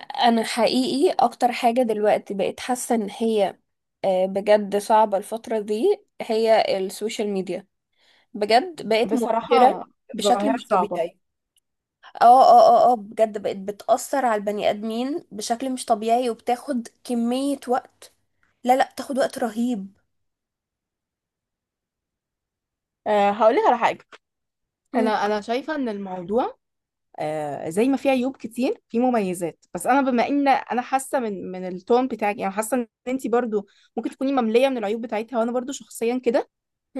انا حقيقي اكتر حاجة دلوقتي بقيت حاسة ان هي بجد صعبة. الفترة دي هي السوشيال ميديا، بجد بقت موترة بصراحة، بشكل ظاهرة مش صعبة. طبيعي. اه بجد بقت بتأثر على البني ادمين بشكل مش طبيعي، وبتاخد كمية وقت. لا لا، بتاخد وقت رهيب. أه، هقول لك على حاجة. مم. أنا شايفة إن الموضوع زي ما فيه عيوب كتير فيه مميزات، بس أنا بما إن أنا حاسة من التون بتاعك، يعني حاسة إن أنت برضو ممكن تكوني مملية من العيوب بتاعتها، وأنا برضو شخصيا كده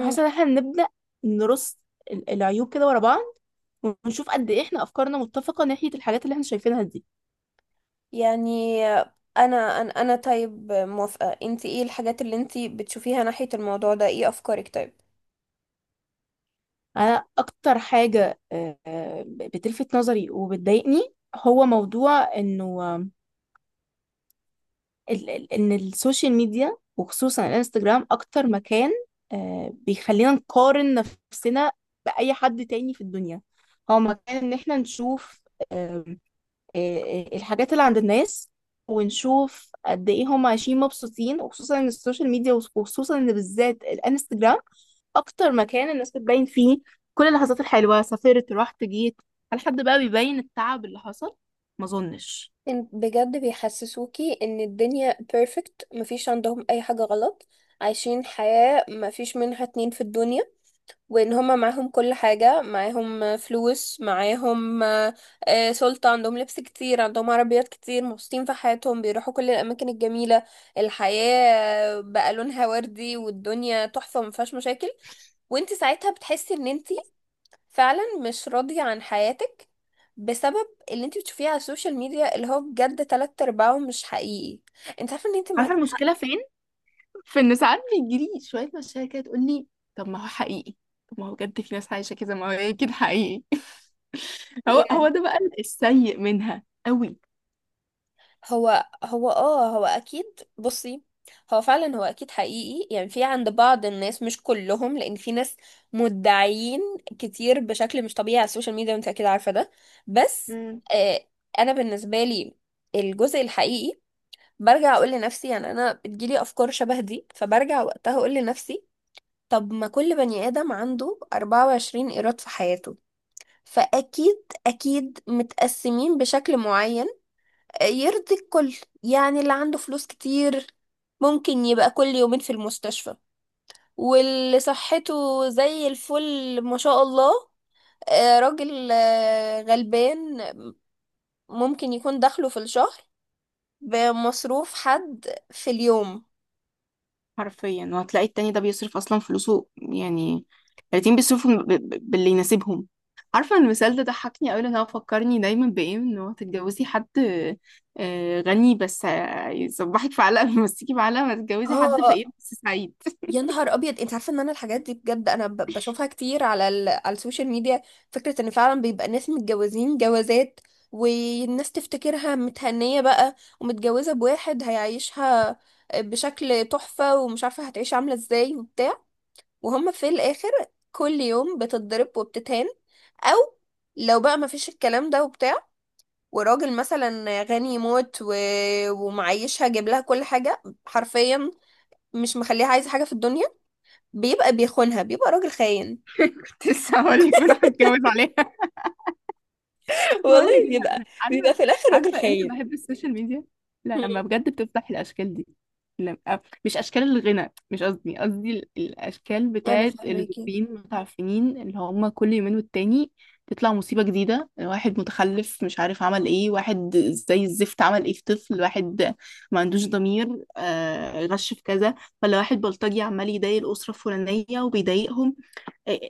حاسة إن إحنا نبدأ نرص العيوب كده ورا بعض، ونشوف قد إيه إحنا أفكارنا متفقة ناحية الحاجات اللي إحنا شايفينها دي. يعني انا طيب، موافقة. انتي ايه الحاجات اللي انتي بتشوفيها ناحية الموضوع ده؟ ايه افكارك طيب؟ أنا أكتر حاجة أه آه، بتلفت نظري وبتضايقني هو موضوع إنه ان السوشيال ميديا وخصوصا الانستجرام اكتر مكان، بيخلينا نقارن نفسنا باي حد تاني في الدنيا. هو مكان ان احنا نشوف، آم، آه، الحاجات اللي عند الناس، ونشوف قد ايه هم عايشين مبسوطين. وخصوصا ان السوشيال ميديا وخصوصا ان بالذات الانستجرام اكتر مكان الناس بتبين فيه كل اللحظات الحلوة: سافرت، رحت، جيت. هل حد بقى بيبين التعب اللي حصل؟ ما اظنش. بجد بيحسسوكي ان الدنيا بيرفكت، مفيش عندهم اي حاجة غلط، عايشين حياة مفيش منها اتنين في الدنيا، وان هما معاهم كل حاجة، معاهم فلوس، معاهم سلطة، عندهم لبس كتير، عندهم عربيات كتير، مبسوطين في حياتهم، بيروحوا كل الاماكن الجميلة. الحياة بقى لونها وردي والدنيا تحفة مفيهاش مشاكل. وانت ساعتها بتحسي ان انت فعلا مش راضية عن حياتك، بسبب اللي انت بتشوفيه على السوشيال ميديا، اللي هو بجد تلات ارباعه مش حقيقي. انت عارفه ان انت عارفة معاك. المشكلة فين؟ فان ساعات بيجيلي شويه مشاكل كده تقول لي، طب ما هو حقيقي، طب ما هو بجد في ناس عايشه كده، ما هو اكيد حقيقي. هو يعني ده بقى السيء منها قوي. هو هو هو اكيد. بصي، هو فعلا هو اكيد حقيقي، يعني في عند بعض الناس، مش كلهم، لان في ناس مدعيين كتير بشكل مش طبيعي على السوشيال ميديا، وانت اكيد عارفه ده. بس مم. آه، انا بالنسبه لي الجزء الحقيقي، برجع اقول لنفسي، يعني انا بتجيلي افكار شبه دي، فبرجع وقتها اقول لنفسي طب ما كل بني آدم عنده 24 إيراد في حياته، فأكيد أكيد متقسمين بشكل معين يرضي الكل. يعني اللي عنده فلوس كتير ممكن يبقى كل يومين في المستشفى، واللي صحته زي الفل ما شاء الله، راجل غلبان، ممكن يكون دخله في الشهر بمصروف حد في اليوم. حرفيا، وهتلاقي التاني ده بيصرف اصلا فلوسه يعني. الاتنين بيصرفوا باللي يناسبهم. عارفه المثال ده ضحكني قوي، لان هو فكرني دايما بايه؟ ان هو تتجوزي حد غني بس يصبحك في علقه ويمسكي في علقه، ما تتجوزي حد اه، فقير بس سعيد. يا نهار ابيض! انت عارفه ان انا الحاجات دي بجد انا بشوفها كتير على على السوشيال ميديا. فكره ان فعلا بيبقى ناس متجوزين جوازات، والناس تفتكرها متهنيه بقى، ومتجوزه بواحد هيعيشها بشكل تحفه، ومش عارفه هتعيش عامله ازاي وبتاع، وهم في الاخر كل يوم بتتضرب وبتتهان. او لو بقى مفيش الكلام ده وبتاع، وراجل مثلا غني موت ومعيشها جايب لها كل حاجه حرفيا، مش مخليها عايزه حاجه في الدنيا، بيبقى بيخونها، بيبقى راجل خاين. كنت لسه هقولك بنروح نتجوز. بقول لك والله ايه، بيبقى، انا بيبقى عارفه. في الاخر راجل عارفه امتى خاين. بحب السوشيال ميديا؟ لما مم. بجد بتفتح الاشكال دي. لما مش اشكال الغنى، مش قصدي، قصدي الاشكال انا بتاعت فاهماكي. الزوجين متعفنين اللي هم كل يومين والتاني تطلع مصيبه جديده. واحد متخلف مش عارف عمل ايه، واحد زي الزفت عمل ايه في طفل، واحد ما عندوش ضمير، آه غش في كذا، ولا واحد بلطجي عمال يضايق الاسره الفلانيه وبيضايقهم.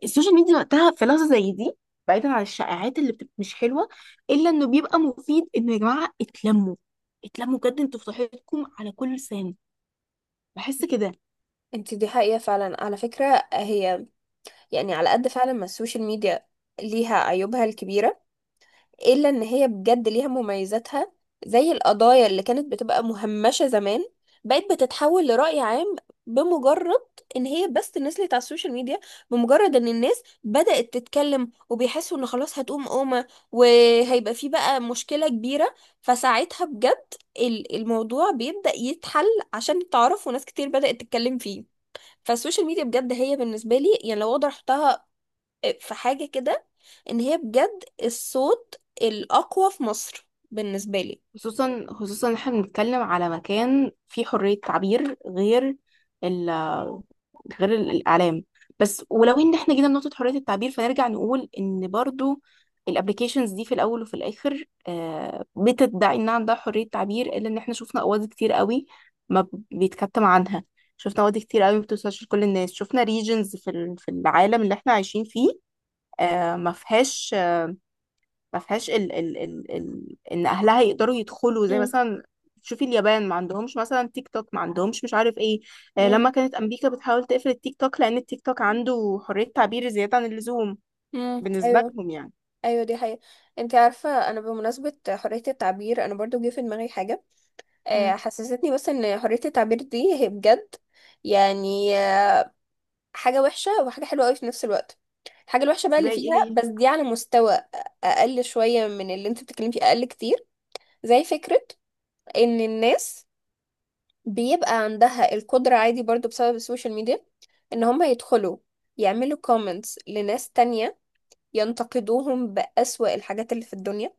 السوشيال ميديا وقتها في لحظه زي دي، بعيدا عن الشائعات اللي بتبقى مش حلوه، الا انه بيبقى مفيد انه يا جماعه اتلموا، اتلموا بجد، انتوا في صحتكم على كل لسان. بحس كده. انت دي حقيقة فعلا على فكرة. هي يعني على قد فعلا ما السوشيال ميديا ليها عيوبها الكبيرة، الا ان هي بجد ليها مميزاتها، زي القضايا اللي كانت بتبقى مهمشة زمان بقت بتتحول لرأي عام بمجرد ان هي بس نزلت على السوشيال ميديا، بمجرد ان الناس بدأت تتكلم وبيحسوا ان خلاص هتقوم قومة وهيبقى في بقى مشكلة كبيرة، فساعتها بجد الموضوع بيبدأ يتحل عشان تعرف، وناس كتير بدأت تتكلم فيه. فالسوشيال ميديا بجد هي بالنسبة لي، يعني لو اقدر احطها في حاجة كده، ان هي بجد الصوت الأقوى في مصر بالنسبة لي. خصوصا احنا بنتكلم على مكان فيه حرية تعبير غير ال، غير الإعلام بس. ولو ان احنا جينا لنقطة حرية التعبير، فنرجع نقول ان برضو الابليكيشنز دي في الاول وفي الاخر بتدعي ان عندها حرية تعبير، الا ان احنا شفنا قواضي كتير قوي ما بيتكتم عنها، شفنا قواضي كتير قوي ما بتوصلش لكل الناس، شفنا ريجنز في العالم اللي احنا عايشين فيه ما فيهاش، ما فيهاش ال ال ال ال ان اهلها يقدروا يدخلوا. زي مم. مثلا شوفي اليابان ما عندهمش مثلا تيك توك، ما عندهمش مش عارف ايه. لما مم. كانت امريكا بتحاول تقفل التيك توك لان التيك توك عنده حرية تعبير زيادة عن اللزوم مم. بالنسبة ايوه. لهم يعني. ايوه، دي حقيقة. انت عارفة انا بمناسبة حرية التعبير انا برضو جه في دماغي حاجة مم. حسستني بس ان حرية التعبير دي هي بجد، يعني حاجة وحشة وحاجة حلوة قوي في نفس الوقت. الحاجة الوحشة بقى زي اللي ايه فيها هي؟ بس دي على مستوى أقل شوية من اللي انت بتتكلمي فيه، أقل كتير. زي فكرة إن الناس بيبقى عندها القدرة عادي برضو بسبب السوشيال ميديا، ان هم يدخلوا يعملوا كومنتس لناس تانية، ينتقدوهم بأسوأ الحاجات اللي في الدنيا،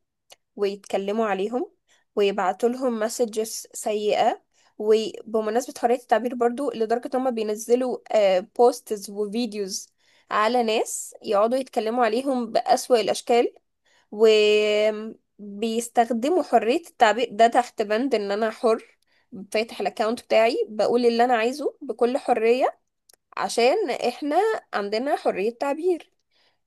ويتكلموا عليهم، ويبعتوا لهم مسجز سيئة. وبمناسبة حرية التعبير برضو، لدرجة ان هم بينزلوا بوستز وفيديوز على ناس، يقعدوا يتكلموا عليهم بأسوأ الأشكال، وبيستخدموا حرية التعبير ده تحت بند ان انا حر، فاتح الاكونت بتاعي بقول اللي انا عايزه بكل حرية عشان احنا عندنا حرية تعبير،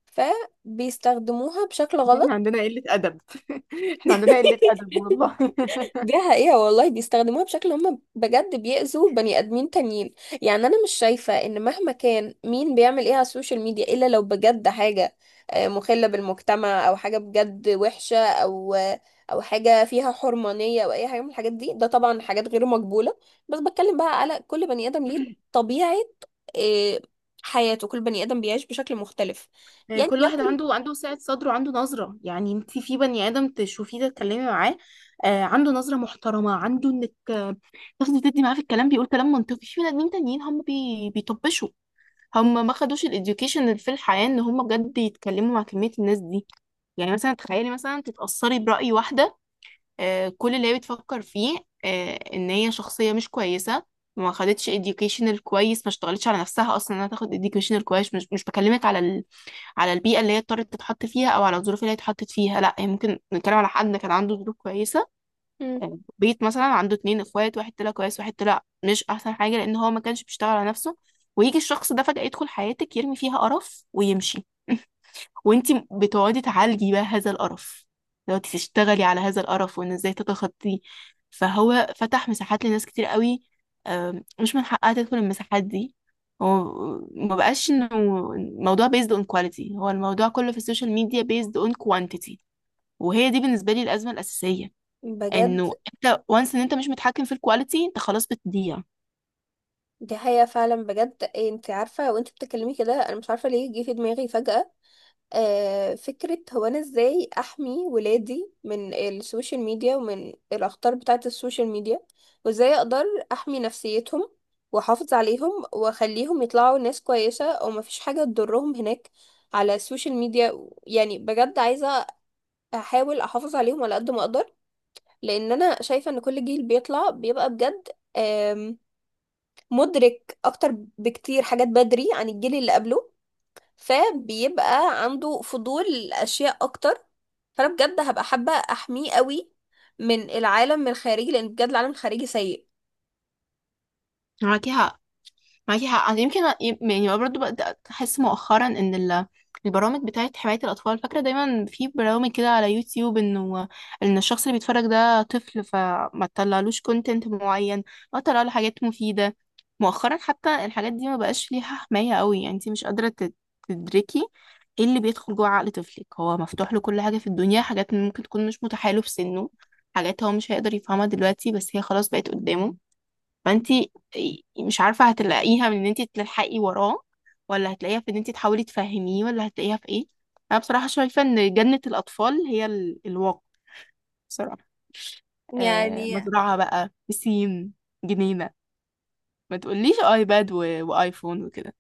فبيستخدموها بشكل احنا غلط. عندنا قلة ادب، احنا عندنا قلة ادب والله. دي حقيقة والله، بيستخدموها بشكل هم بجد بيأذوا بني آدمين تانيين. يعني أنا مش شايفة إن مهما كان مين بيعمل إيه على السوشيال ميديا، إلا لو بجد حاجة مخلة بالمجتمع، أو حاجة بجد وحشة، أو أو حاجة فيها حرمانية، أو أي حاجة من الحاجات دي، ده طبعا حاجات غير مقبولة. بس بتكلم بقى على كل بني آدم ليه طبيعة آه، حياته، كل بني آدم بيعيش بشكل مختلف. يعني كل لو واحد كل... عنده سعة صدر وعنده نظرة. يعني انت في بني آدم تشوفيه تتكلمي معاه عنده نظرة محترمة، عنده انك تاخدي تدي معاه في الكلام، بيقول كلام منطقي. في بني ادمين تانيين هم بي... بيطبشوا، هم ما خدوش الاديوكيشن اللي في الحياه ان هم بجد يتكلموا مع كميه الناس دي. يعني مثلا تخيلي مثلا تتاثري براي واحده، آه كل اللي هي بتفكر فيه، آه ان هي شخصيه مش كويسه، ما خدتش educational كويس، ما اشتغلتش على نفسها اصلا انها تاخد educational كويس. مش بكلمك على ال... على البيئه اللي هي اضطرت تتحط فيها او على الظروف اللي هي اتحطت فيها. لا، هي ممكن نتكلم على حد كان عنده ظروف كويسه، مم. بيت مثلا عنده اتنين اخوات، واحد طلع كويس واحد طلع مش احسن حاجة لان هو ما كانش بيشتغل على نفسه. ويجي الشخص ده فجأة يدخل حياتك يرمي فيها قرف ويمشي، وانتي بتقعدي تعالجي بقى هذا القرف، لو انتي تشتغلي على هذا القرف وان ازاي تتخطيه. فهو فتح مساحات لناس كتير قوي مش من حقها تدخل المساحات دي. هو ما بقاش انه الموضوع based on quality، هو الموضوع كله في السوشيال ميديا based on quantity، وهي دي بالنسبة لي الأزمة الأساسية. بجد انه انت وانس ان انت مش متحكم في الكواليتي، انت خلاص بتضيع. دي حقيقة فعلا. بجد إيه، انت عارفة وانت بتتكلمي كده انا مش عارفة ليه جه في دماغي فجأة فكرة، هو انا ازاي احمي ولادي من السوشيال ميديا ومن الاخطار بتاعة السوشيال ميديا؟ وازاي اقدر احمي نفسيتهم واحافظ عليهم واخليهم يطلعوا ناس كويسة، او مفيش حاجة تضرهم هناك على السوشيال ميديا؟ يعني بجد عايزة احاول احافظ عليهم على قد ما اقدر، لان انا شايفة ان كل جيل بيطلع بيبقى بجد مدرك اكتر بكتير حاجات بدري عن الجيل اللي قبله، فبيبقى عنده فضول لاشياء اكتر، فانا بجد هبقى حابة احميه قوي من العالم الخارجي، لان بجد العالم الخارجي سيء. هو كده، معاكي حق. أنا يمكن يعني برضه بدأت أحس مؤخرا إن البرامج بتاعة حماية الأطفال، فاكرة دايما في برامج كده على يوتيوب إنه إن الشخص اللي بيتفرج ده طفل، فما تطلعلوش كونتنت معين أو تطلعله حاجات مفيدة. مؤخرا حتى الحاجات دي ما بقاش ليها حماية قوي، يعني انتي مش قادرة تدركي ايه اللي بيدخل جوه عقل طفلك. هو مفتوح له كل حاجة في الدنيا، حاجات ممكن تكون مش متاحة له في سنه، حاجات هو مش هيقدر يفهمها دلوقتي بس هي خلاص بقت قدامه. فانتي مش عارفة هتلاقيها من ان انتي تلحقي وراه، ولا هتلاقيها في ان انتي تحاولي تفهميه، ولا هتلاقيها في ايه. انا بصراحة شايفة ان جنة الاطفال هي الواقع، بصراحة. آه، يعني مزرعة بقى بسين، جنينة. ما تقوليش ايباد و... وايفون وكده.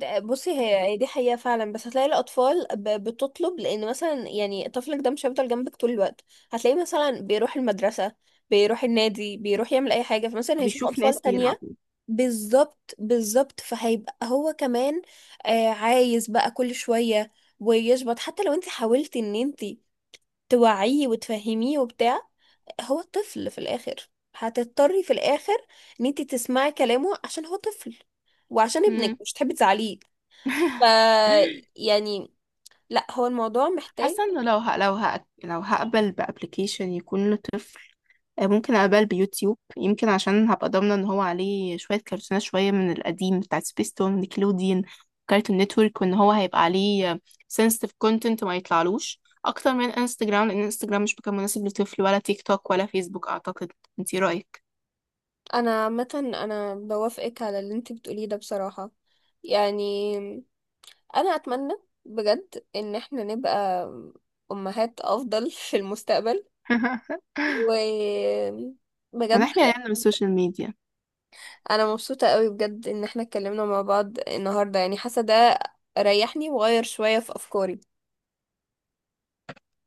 بصي، هي هي دي حقيقة فعلا، بس هتلاقي الأطفال بتطلب. لأن مثلا يعني طفلك ده مش هيفضل جنبك طول الوقت، هتلاقيه مثلا بيروح المدرسة، بيروح النادي، بيروح يعمل أي حاجة، فمثلا هيشوف بيشوف أطفال ناس تانية. بيلعبوا. بالظبط بالظبط، فهيبقى هو كمان عايز بقى كل شوية ويشبط. حتى لو انت حاولتي ان انت توعيه وتفهميه وبتاع، هو طفل في الاخر، هتضطري في الاخر ان انت تسمعي كلامه عشان هو طفل، وعشان ابنك مم. مش تحبي تزعليه. ف، يعني، لا، هو الموضوع محتاج. حاسة انه لو هقبل بابلكيشن يكون له، ممكن أقبل بيوتيوب، يمكن عشان هبقى ضامنة ان هو عليه شوية كرتونات شوية من القديم بتاعت سبيستون، نيكلوديان، كارتون نتورك، وان هو هيبقى عليه sensitive content ما يطلعلوش اكتر من انستجرام. لان انستجرام مش مكان مناسب لطفل، ولا تيك توك ولا فيسبوك اعتقد. انتي رأيك؟ انا عامة انا بوافقك على اللي انت بتقوليه ده بصراحة. يعني انا اتمنى بجد ان احنا نبقى امهات افضل في المستقبل و بجد، ونحمي عيالنا من السوشيال ميديا. انا مبسوطة قوي بجد ان احنا اتكلمنا مع بعض النهاردة، يعني حاسة ده ريحني وغير شوية في افكاري.